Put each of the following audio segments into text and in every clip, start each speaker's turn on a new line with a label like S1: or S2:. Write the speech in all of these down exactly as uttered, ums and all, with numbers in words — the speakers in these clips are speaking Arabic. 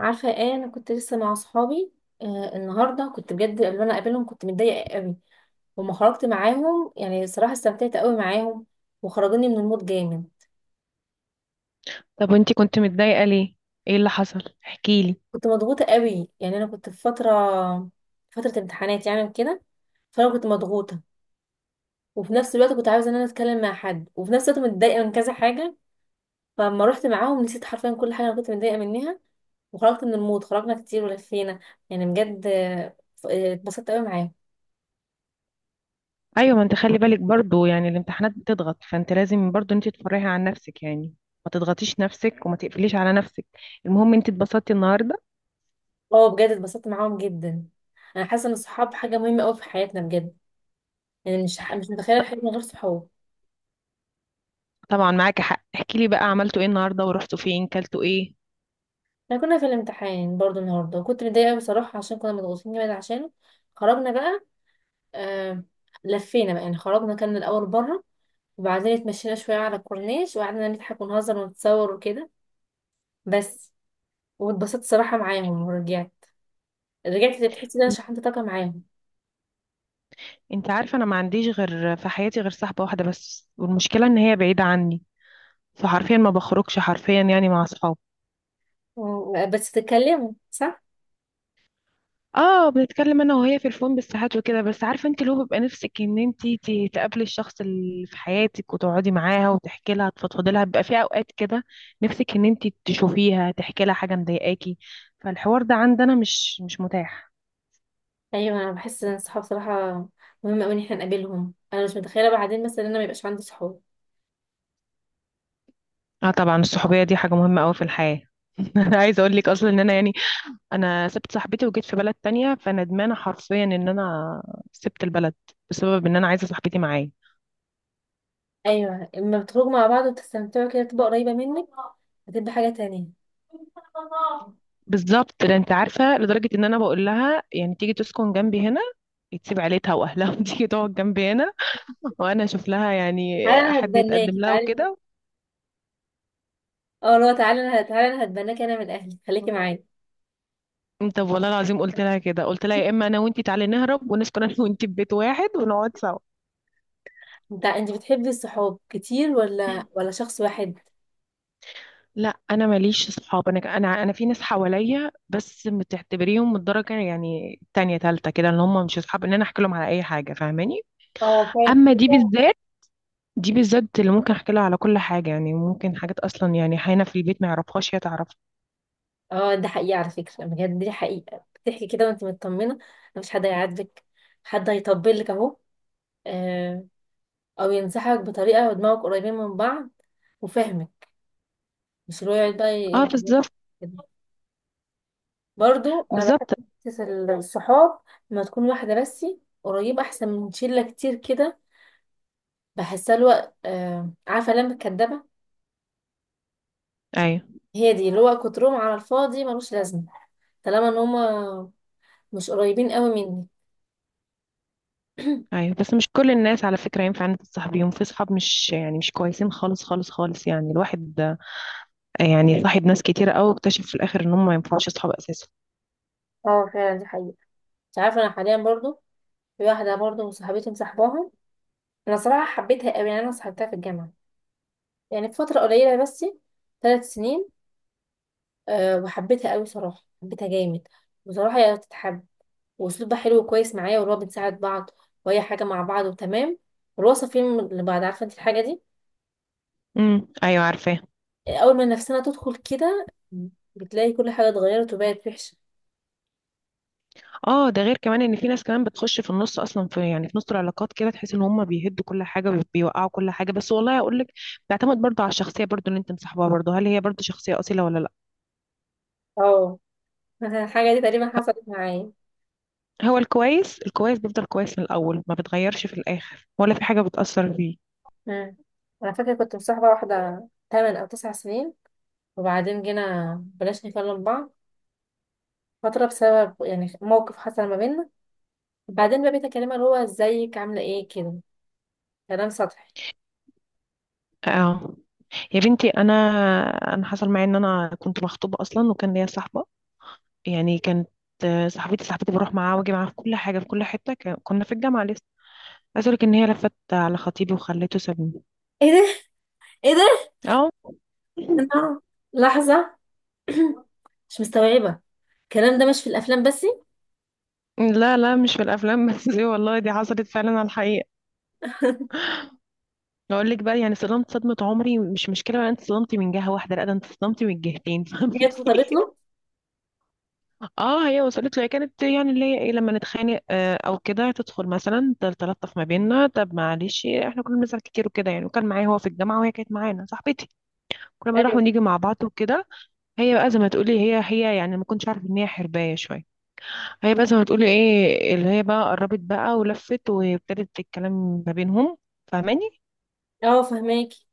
S1: عارفه ايه؟ انا كنت لسه مع اصحابي. آه، النهارده كنت بجد اللي انا قابلهم كنت متضايقه قوي وما خرجت معاهم. يعني صراحه استمتعت قوي معاهم وخرجوني من المود جامد.
S2: طب وانتي كنت متضايقة ليه؟ ايه اللي حصل؟ احكيلي.
S1: كنت مضغوطه قوي، يعني انا كنت في فتره فتره امتحانات يعني وكده. فانا كنت مضغوطه، وفي نفس الوقت كنت عايزه ان انا اتكلم مع حد، وفي نفس الوقت متضايقه من كذا حاجه. فلما رحت معاهم نسيت حرفيا كل حاجه انا كنت متضايقه منها، وخرجت من المود. خرجنا كتير ولفينا، يعني بجد آه، اتبسطت قوي معاهم.
S2: ايوه ما انت خلي بالك برضو، يعني الامتحانات بتضغط فانت لازم برضو انت تفرحي عن نفسك يعني. ما تضغطيش نفسك وما تقفليش على نفسك. المهم انت اتبسطتي النهارده.
S1: اه بجد اتبسطت معاهم جدا. انا حاسه ان الصحاب حاجه مهمه قوي في حياتنا بجد. يعني مش ح... مش متخيله الحياه من غير صحاب.
S2: طبعا معاكي حق، احكيلي بقى عملتوا ايه النهارده ورحتوا فين كلتوا ايه.
S1: احنا كنا في الامتحان برضو النهارده وكنت متضايقه قوي بصراحه، عشان كنا مضغوطين جامد عشانه. خرجنا بقى، آه... لفينا بقى. يعني خرجنا، كان الاول بره، وبعدين اتمشينا شويه على الكورنيش وقعدنا نضحك ونهزر ونتصور وكده بس. واتبسطت صراحه معاهم ورجعت. رجعت تحسي ان انا
S2: ان-
S1: شحنت طاقه معاهم.
S2: انت عارفة انا ما عنديش غير في حياتي غير صاحبة واحدة بس، والمشكلة ان هي بعيدة عني، فحرفيا ما بخرجش حرفيا يعني مع اصحابي.
S1: و- بس تتكلموا صح.
S2: اه بنتكلم انا وهي في الفون بالساعات وكده، بس عارفه انت لو بيبقى نفسك ان انت ت- تقابلي الشخص اللي في حياتك وتقعدي معاها وتحكي لها تفضفضي لها، بيبقى في اوقات كده نفسك ان انت تشوفيها تحكي لها حاجه مضايقاكي. فالحوار ده عندنا مش مش متاح.
S1: ايوه انا بحس ان الصحاب صراحه مهم قوي ان احنا نقابلهم. انا مش متخيله بعدين مثلا ان انا ما يبقاش عندي صحاب.
S2: اه طبعا الصحوبيه دي حاجه مهمه قوي في الحياه. انا عايزه اقول لك اصلا ان انا يعني، انا سبت صاحبتي وجيت في بلد تانية فندمانه حرفيا ان انا سبت البلد بسبب ان انا عايزه صاحبتي معايا.
S1: ايوه، لما بتخرجوا مع بعض وتستمتعوا كده تبقى قريبه منك، هتبقى حاجه تانية.
S2: بالظبط ده، انت عارفه لدرجه ان انا بقول لها يعني تيجي تسكن جنبي هنا، تسيب عيلتها واهلها وتيجي تقعد جنبي هنا، وانا اشوف لها يعني
S1: تعالى انا
S2: حد يتقدم
S1: هتبناكي،
S2: لها
S1: تعالى.
S2: وكده.
S1: اه لا، تعالى انا، تعالى انا هتبناكي انا من اهلي، خليكي معايا.
S2: انت والله العظيم قلت لها كده، قلت لها يا اما انا وانتي تعالي نهرب ونسكن انا وانتي في بيت واحد ونقعد سوا.
S1: انت انت بتحبي الصحاب كتير ولا ولا شخص واحد؟
S2: لا انا ماليش صحاب، انا انا انا في ناس حواليا بس بتعتبريهم من الدرجه يعني تانية تالتة كده، ان هم مش اصحاب ان انا احكي لهم على اي حاجه، فاهماني.
S1: اه فعلا.
S2: اما دي بالذات، دي بالذات اللي ممكن احكي لها على كل حاجة، يعني ممكن حاجات اصلا يعني حينا في البيت ما يعرفهاش هي تعرفها.
S1: اه ده حقيقه، على فكره بجد دي حقيقه، بتحكي كده وانت مطمنه. مفيش حد هيعاتبك، حد هيطبل لك اهو، آه، او ينصحك بطريقه، ودماغك قريبين من بعض وفهمك. مش اللي هو يقعد بقى
S2: اه
S1: ي-
S2: بالظبط.
S1: كده. برضو انا بحب
S2: بالظبط.
S1: حته الصحاب لما تكون واحده بس قريبه، احسن من شله كتير كده. بحسها الوقت آه، عارفه لما الكدابه،
S2: ايوه،
S1: هي دي اللي هو كترهم على الفاضي ملوش لازمه، طالما ان هما مش قريبين قوي مني.
S2: ايوه بس مش كل الناس على فكرة ينفع انت تصاحبيهم، في صحاب مش يعني مش كويسين خالص خالص خالص، يعني الواحد آه، يعني صاحب ناس كتيرة قوي واكتشف في الاخر ان هم ما ينفعوش اصحاب اساسا.
S1: اه فعلا دي حقيقة. انت عارفة انا حاليا برضو في واحدة برضو صاحبتي مصاحباها. انا صراحة حبيتها قوي، يعني انا صاحبتها في الجامعة، يعني في فترة قليلة بس، ثلاث سنين. أه وحبيتها قوي صراحة، حبيتها جامد. بصراحة هي تتحب، واسلوبها حلو كويس معايا، واللي هو بنساعد بعض وهي حاجة مع بعض وتمام. والوصف فيلم اللي بعد، عارفة انت الحاجة دي؟
S2: امم ايوه عارفاه.
S1: آه، اول ما نفسنا تدخل كده بتلاقي كل حاجة اتغيرت وبقت وحشة.
S2: اه ده غير كمان ان في ناس كمان بتخش في النص اصلا، في يعني في نص العلاقات كده، تحس ان هم بيهدوا كل حاجه وبيوقعوا كل حاجه، بس والله اقول لك بيعتمد برضه على الشخصيه برضه اللي انت مصاحبها برضه، هل هي برضه شخصيه اصيله ولا لا.
S1: اه الحاجة دي تقريبا حصلت معايا.
S2: هو الكويس الكويس بيفضل كويس من الأول، ما بتغيرش في الآخر ولا في حاجة بتأثر فيه.
S1: مم. انا فاكرة كنت مصاحبة واحدة تمانية او تسع سنين، وبعدين جينا بلاش نكلم بعض فترة، بسبب يعني موقف حصل ما بيننا. بعدين بقى بقيت اكلمها اللي هو ازيك، عاملة ايه كده، كلام سطحي.
S2: اه يا بنتي، أنا أنا حصل معايا إن أنا كنت مخطوبة أصلا وكان ليا صاحبة، يعني كانت آه، صاحبتي صاحبتي بروح معاها واجي معاها في كل حاجة في كل حتة، ك- كنا في الجامعة لسه. عايز أقولك إن هي لفت على خطيبي وخلته سابني.
S1: ايه؟ ايه ده؟
S2: اه
S1: أنا- لحظة. مش مستوعبة. الكلام ده مش في الافلام بس؟
S2: لا لا مش في الأفلام بس، دي والله دي حصلت فعلا على الحقيقة. أقول لك بقى يعني صدمت صدمة عمري، مش مشكلة بقى أنت صدمتي من جهة واحدة، لا ده أنت صدمتي من جهتين
S1: هي
S2: فهمتي.
S1: اتخطبت له؟
S2: اه هي وصلت له، هي كانت يعني اللي هي ايه لما نتخانق آه، او كده تدخل مثلا تل- تلطف ما بيننا، طب معلش احنا كنا بنزعل كتير وكده يعني، وكان معايا هو في الجامعه وهي كانت معانا صاحبتي، كنا بنروح
S1: ايوه.
S2: ونيجي مع بعض وكده. هي بقى زي ما تقولي هي هي يعني ما كنتش عارفه ان هي حربايه شويه. هي بقى زي ما تقولي ايه اللي هي بقى قربت بقى ولفت وابتدت الكلام ما بينهم، فاهماني.
S1: اه فهماكي.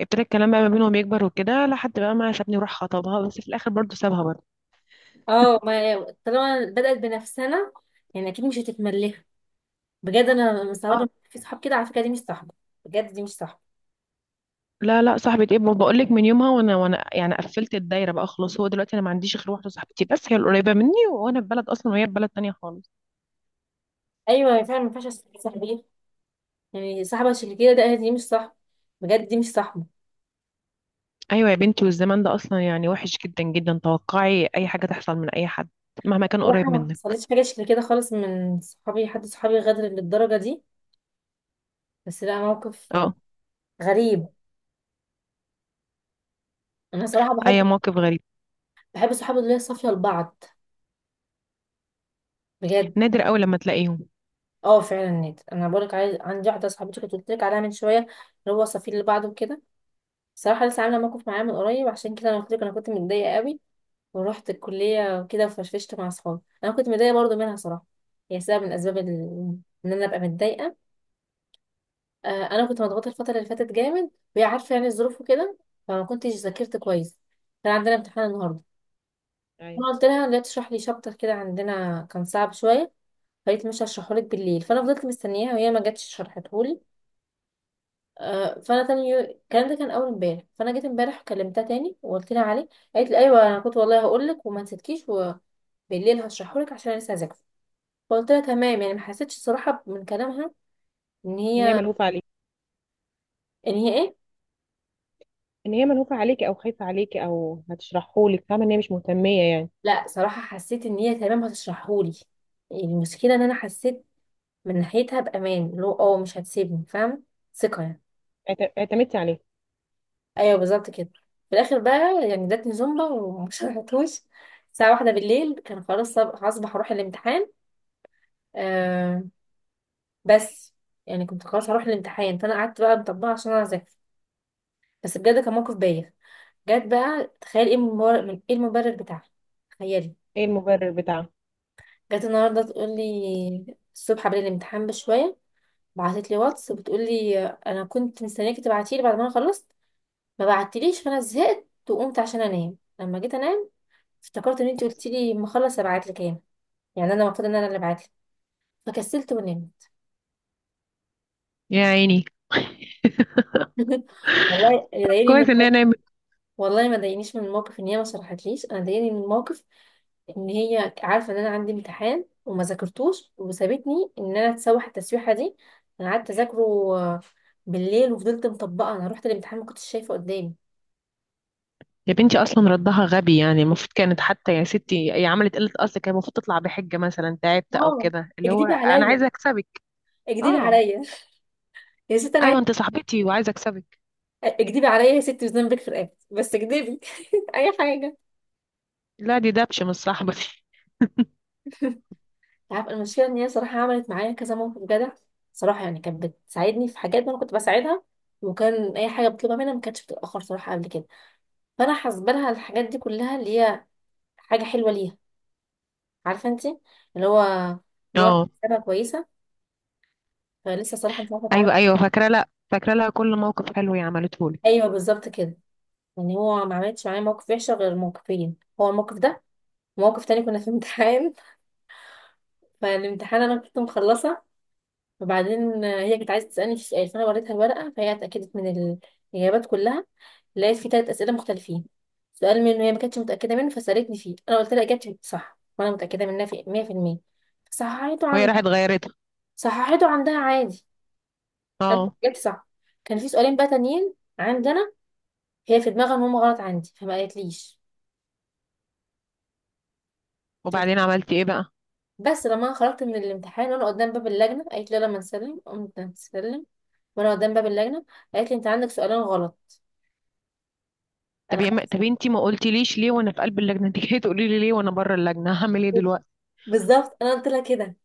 S2: ابتدى الكلام بقى ما بينهم يكبر وكده لحد بقى ما سابني وراح خطبها، بس في الاخر برضه سابها برضه.
S1: اه ما طالما بدأت بنفسنا يعني اكيد مش هتتملها. بجد انا مستغربة
S2: اه
S1: إن في صحاب كده. على فكرة دي مش صاحبة، بجد دي مش صاحبة.
S2: لا لا، صاحبة ايه، بقول لك من يومها وانا وانا يعني قفلت الدايرة بقى خلاص، هو دلوقتي انا ما عنديش غير واحدة صاحبتي بس هي القريبة مني، وانا في بلد اصلا وهي في بلد تانية خالص.
S1: ايوه فعلا، ما ينفعش أسيب صاحبي. يعني صاحبة شكل كده ده دي مش صاحبة، بجد دي مش صاحبة.
S2: ايوه يا بنتي، والزمان ده اصلا يعني وحش جدا جدا، توقعي اي حاجة تحصل من اي حد مهما كان
S1: بصراحة
S2: قريب
S1: ما
S2: منك.
S1: حصلتش حاجة شكل كده خالص من صحابي، حد صحابي غدر للدرجة دي، بس لا موقف
S2: اه
S1: غريب. انا صراحة بحب،
S2: اي موقف غريب.
S1: بحب الصحاب اللي هي صافية لبعض، بجد.
S2: نادر قوي لما تلاقيهم.
S1: اه فعلا نيت، انا بقولك عايز عندي واحدة صاحبتي كنت قلت لك عليها من شوية، اللي هو صافي لبعض وكده. بصراحة لسه عاملة موقف معايا من قريب، عشان كده انا قلت لك انا كنت متضايقة قوي. ورحت الكلية وكده وفشفشت مع اصحابي. انا كنت متضايقة برضو منها صراحة، هي سبب من الاسباب ال- ان انا ابقى متضايقة. آه انا كنت مضغوطة الفترة اللي فاتت جامد، وهي عارفة يعني الظروف وكده. فما كنتش ذاكرت كويس. كان عندنا امتحان النهاردة.
S2: ايوه
S1: انا قلت لها لا تشرح لي شابتر كده عندنا كان صعب شوية. قالت مش هشرحهولك بالليل، فانا فضلت مستنياها وهي ما جاتش شرحتهولي. آه، فانا تاني يو... الكلام ده كان اول امبارح، فانا جيت امبارح كلمتها تاني وقلت لها عليه. قالت لي ايوه انا كنت والله هقول لك وما نسيتكيش، وبالليل هشرحهولك عشان أنا لسه هذاكر. فقلت لها تمام. يعني ما حسيتش صراحه من كلامها ان
S2: ان هي
S1: هي،
S2: ملهوفه عليك.
S1: ان هي ايه.
S2: ان هي ملهوفه عليكي او خايفه عليكي او هتشرحهولك، فاهمه ان هي مش مهتميه يعني.
S1: لا صراحه حسيت ان هي تمام هتشرحهولي. يعني المشكله ان انا حسيت من ناحيتها بامان، اللي هو اه مش هتسيبني، فاهم، ثقه يعني.
S2: اعت- اعتمدتي عليها.
S1: ايوه بالظبط كده. في الاخر بقى يعني ادتني زومبا وما شرحتوش. الساعه واحدة بالليل كان خلاص صب- هصبح اروح الامتحان. آه بس. يعني كنت خلاص هروح الامتحان فانا قعدت بقى مطبقه عشان انا اذاكر. بس بجد كان موقف بايخ. جت بقى تخيل ايه المبرر، من ايه المبرر بتاعها؟ تخيلي.
S2: ايه المبرر بتاعها.
S1: جت النهارده تقول لي الصبح قبل الامتحان بشويه، بعتت لي واتس بتقول لي انا كنت مستنياكي تبعتي لي بعد ما انا خلصت، ما بعتليش، فانا زهقت وقمت عشان انام. لما جيت انام افتكرت ان انت قلتي لي ما اخلص ابعت لك انا، يعني انا المفروض ان انا اللي ابعت لك، فكسلت ونمت.
S2: يا عيني.
S1: والله اللي ضايقني من
S2: كويس ان
S1: الموقف،
S2: انا.
S1: والله ما ضايقنيش من الموقف ان هي ما شرحتليش، انا ضايقني من الموقف ان هي عارفه ان انا عندي امتحان وما ذاكرتوش، وسابتني ان انا اتسوح التسويحه دي. انا قعدت اذاكره آه، بالليل، وفضلت مطبقه. انا رحت الامتحان ما كنتش شايفه قدامي.
S2: يا بنتي اصلا ردها غبي، يعني المفروض كانت حتى يا ستي، هي عملت قله، اصل كان المفروض تطلع بحجه مثلا تعبت او
S1: اه،
S2: كده، اللي هو
S1: اكدبي
S2: انا
S1: عليا،
S2: عايزه اكسبك.
S1: اكدبي
S2: اه.
S1: عليا. يا ست انا
S2: ايوه
S1: عايز،
S2: انت صاحبتي وعايزه اكسبك.
S1: اكدبي عليا يا ست وذنبك في رقبتي بس اكدبي. اي حاجه.
S2: لا دي دبش مش صاحبتي.
S1: عارف المشكله ان هي صراحه عملت معايا كذا موقف جدع. صراحه يعني كانت بتساعدني في حاجات انا كنت بساعدها، وكان اي حاجه بطلبها منها ما كانتش بتتاخر صراحه قبل كده. فانا حاسبه لها الحاجات دي كلها اللي هي حاجه حلوه ليها. عارفه انت، اللي هو ان هو
S2: اه.
S1: حسابها كويسه. فلسه صراحه مش عارفه اتعامل.
S2: ايوه ايوه فاكره. لا، فاكره لها كل موقف حلو هي عملته لك.
S1: ايوه بالظبط كده. يعني هو ما عملتش معايا موقف وحشه غير موقفين، هو الموقف ده وموقف تاني كنا في امتحان. فالامتحان انا كنت مخلصه، وبعدين هي كانت عايزه تسالني في سؤال. فانا وريتها الورقه فهي اتاكدت من الاجابات كلها. لقيت فيه تلات اسئله مختلفين، سؤال منه هي ما كانتش متاكده منه فسالتني فيه، انا قلت لها اجابتي صح وانا متاكده منها في مية في المية، صححته
S2: وهي
S1: عندها،
S2: راحت غيرته.
S1: صححته عندها عادي، انا
S2: اه.
S1: اجابتي صح. كان في سؤالين بقى تانيين عندنا، هي في دماغها ان هم غلط عندي فما قالتليش.
S2: وبعدين عملتي ايه بقى.
S1: بس لما انا خرجت من الامتحان وانا قدام باب اللجنه قالت لي لما نسلم. قمت نسلم وانا قدام باب اللجنه، قالت لي انت عندك سؤالين غلط.
S2: طب
S1: انا
S2: يا م...
S1: خدت،
S2: طب انتي ما قلتيليش ليه وانا في قلب اللجنه؟ انت جايه تقولي لي ليه وانا بره اللجنه، هعمل ايه دلوقتي؟
S1: بالظبط انا قلت لها كده.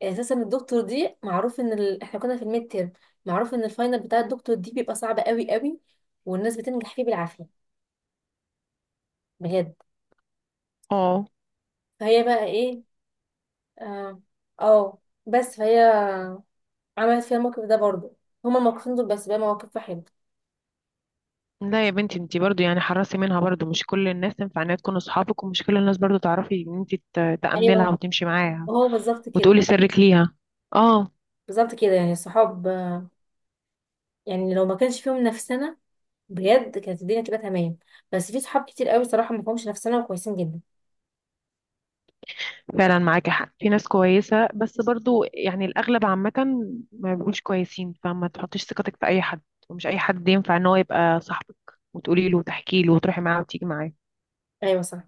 S1: يعني اساسا الدكتور دي معروف ان ال... احنا كنا في الميد تيرم. معروف ان الفاينل بتاع الدكتور دي بيبقى صعب قوي قوي، والناس بتنجح فيه بالعافيه، بجد.
S2: اه.
S1: فهي بقى ايه، اه آه، بس فهي عملت فيها الموقف ده برضه. هما الموقفين دول بس، بقى مواقف واحد.
S2: لا يا بنتي انتي برضو يعني حرصي منها برضو، مش كل الناس تنفع انها تكون اصحابك، ومش كل الناس برضو تعرفي ان انتي ت- تأمني لها
S1: ايوه
S2: وتمشي معاها
S1: هو بالظبط كده.
S2: وتقولي سرك ليها. اه
S1: بالظبط كده. يعني الصحاب آه، يعني لو ما كانش فيهم نفسنا بجد كانت الدنيا تبقى تمام. بس في صحاب كتير قوي صراحه ما فيهمش نفسنا وكويسين جدا.
S2: فعلا معاكي حق، في ناس كويسة بس برضو يعني الأغلب عامة ما بيبقوش كويسين، فما تحطيش ثقتك في أي حد، ومش أي حد ينفع ان هو يبقى صاحبك وتقولي له وتحكي له وتروحي معاه وتيجي معاه.
S1: ايوه صح.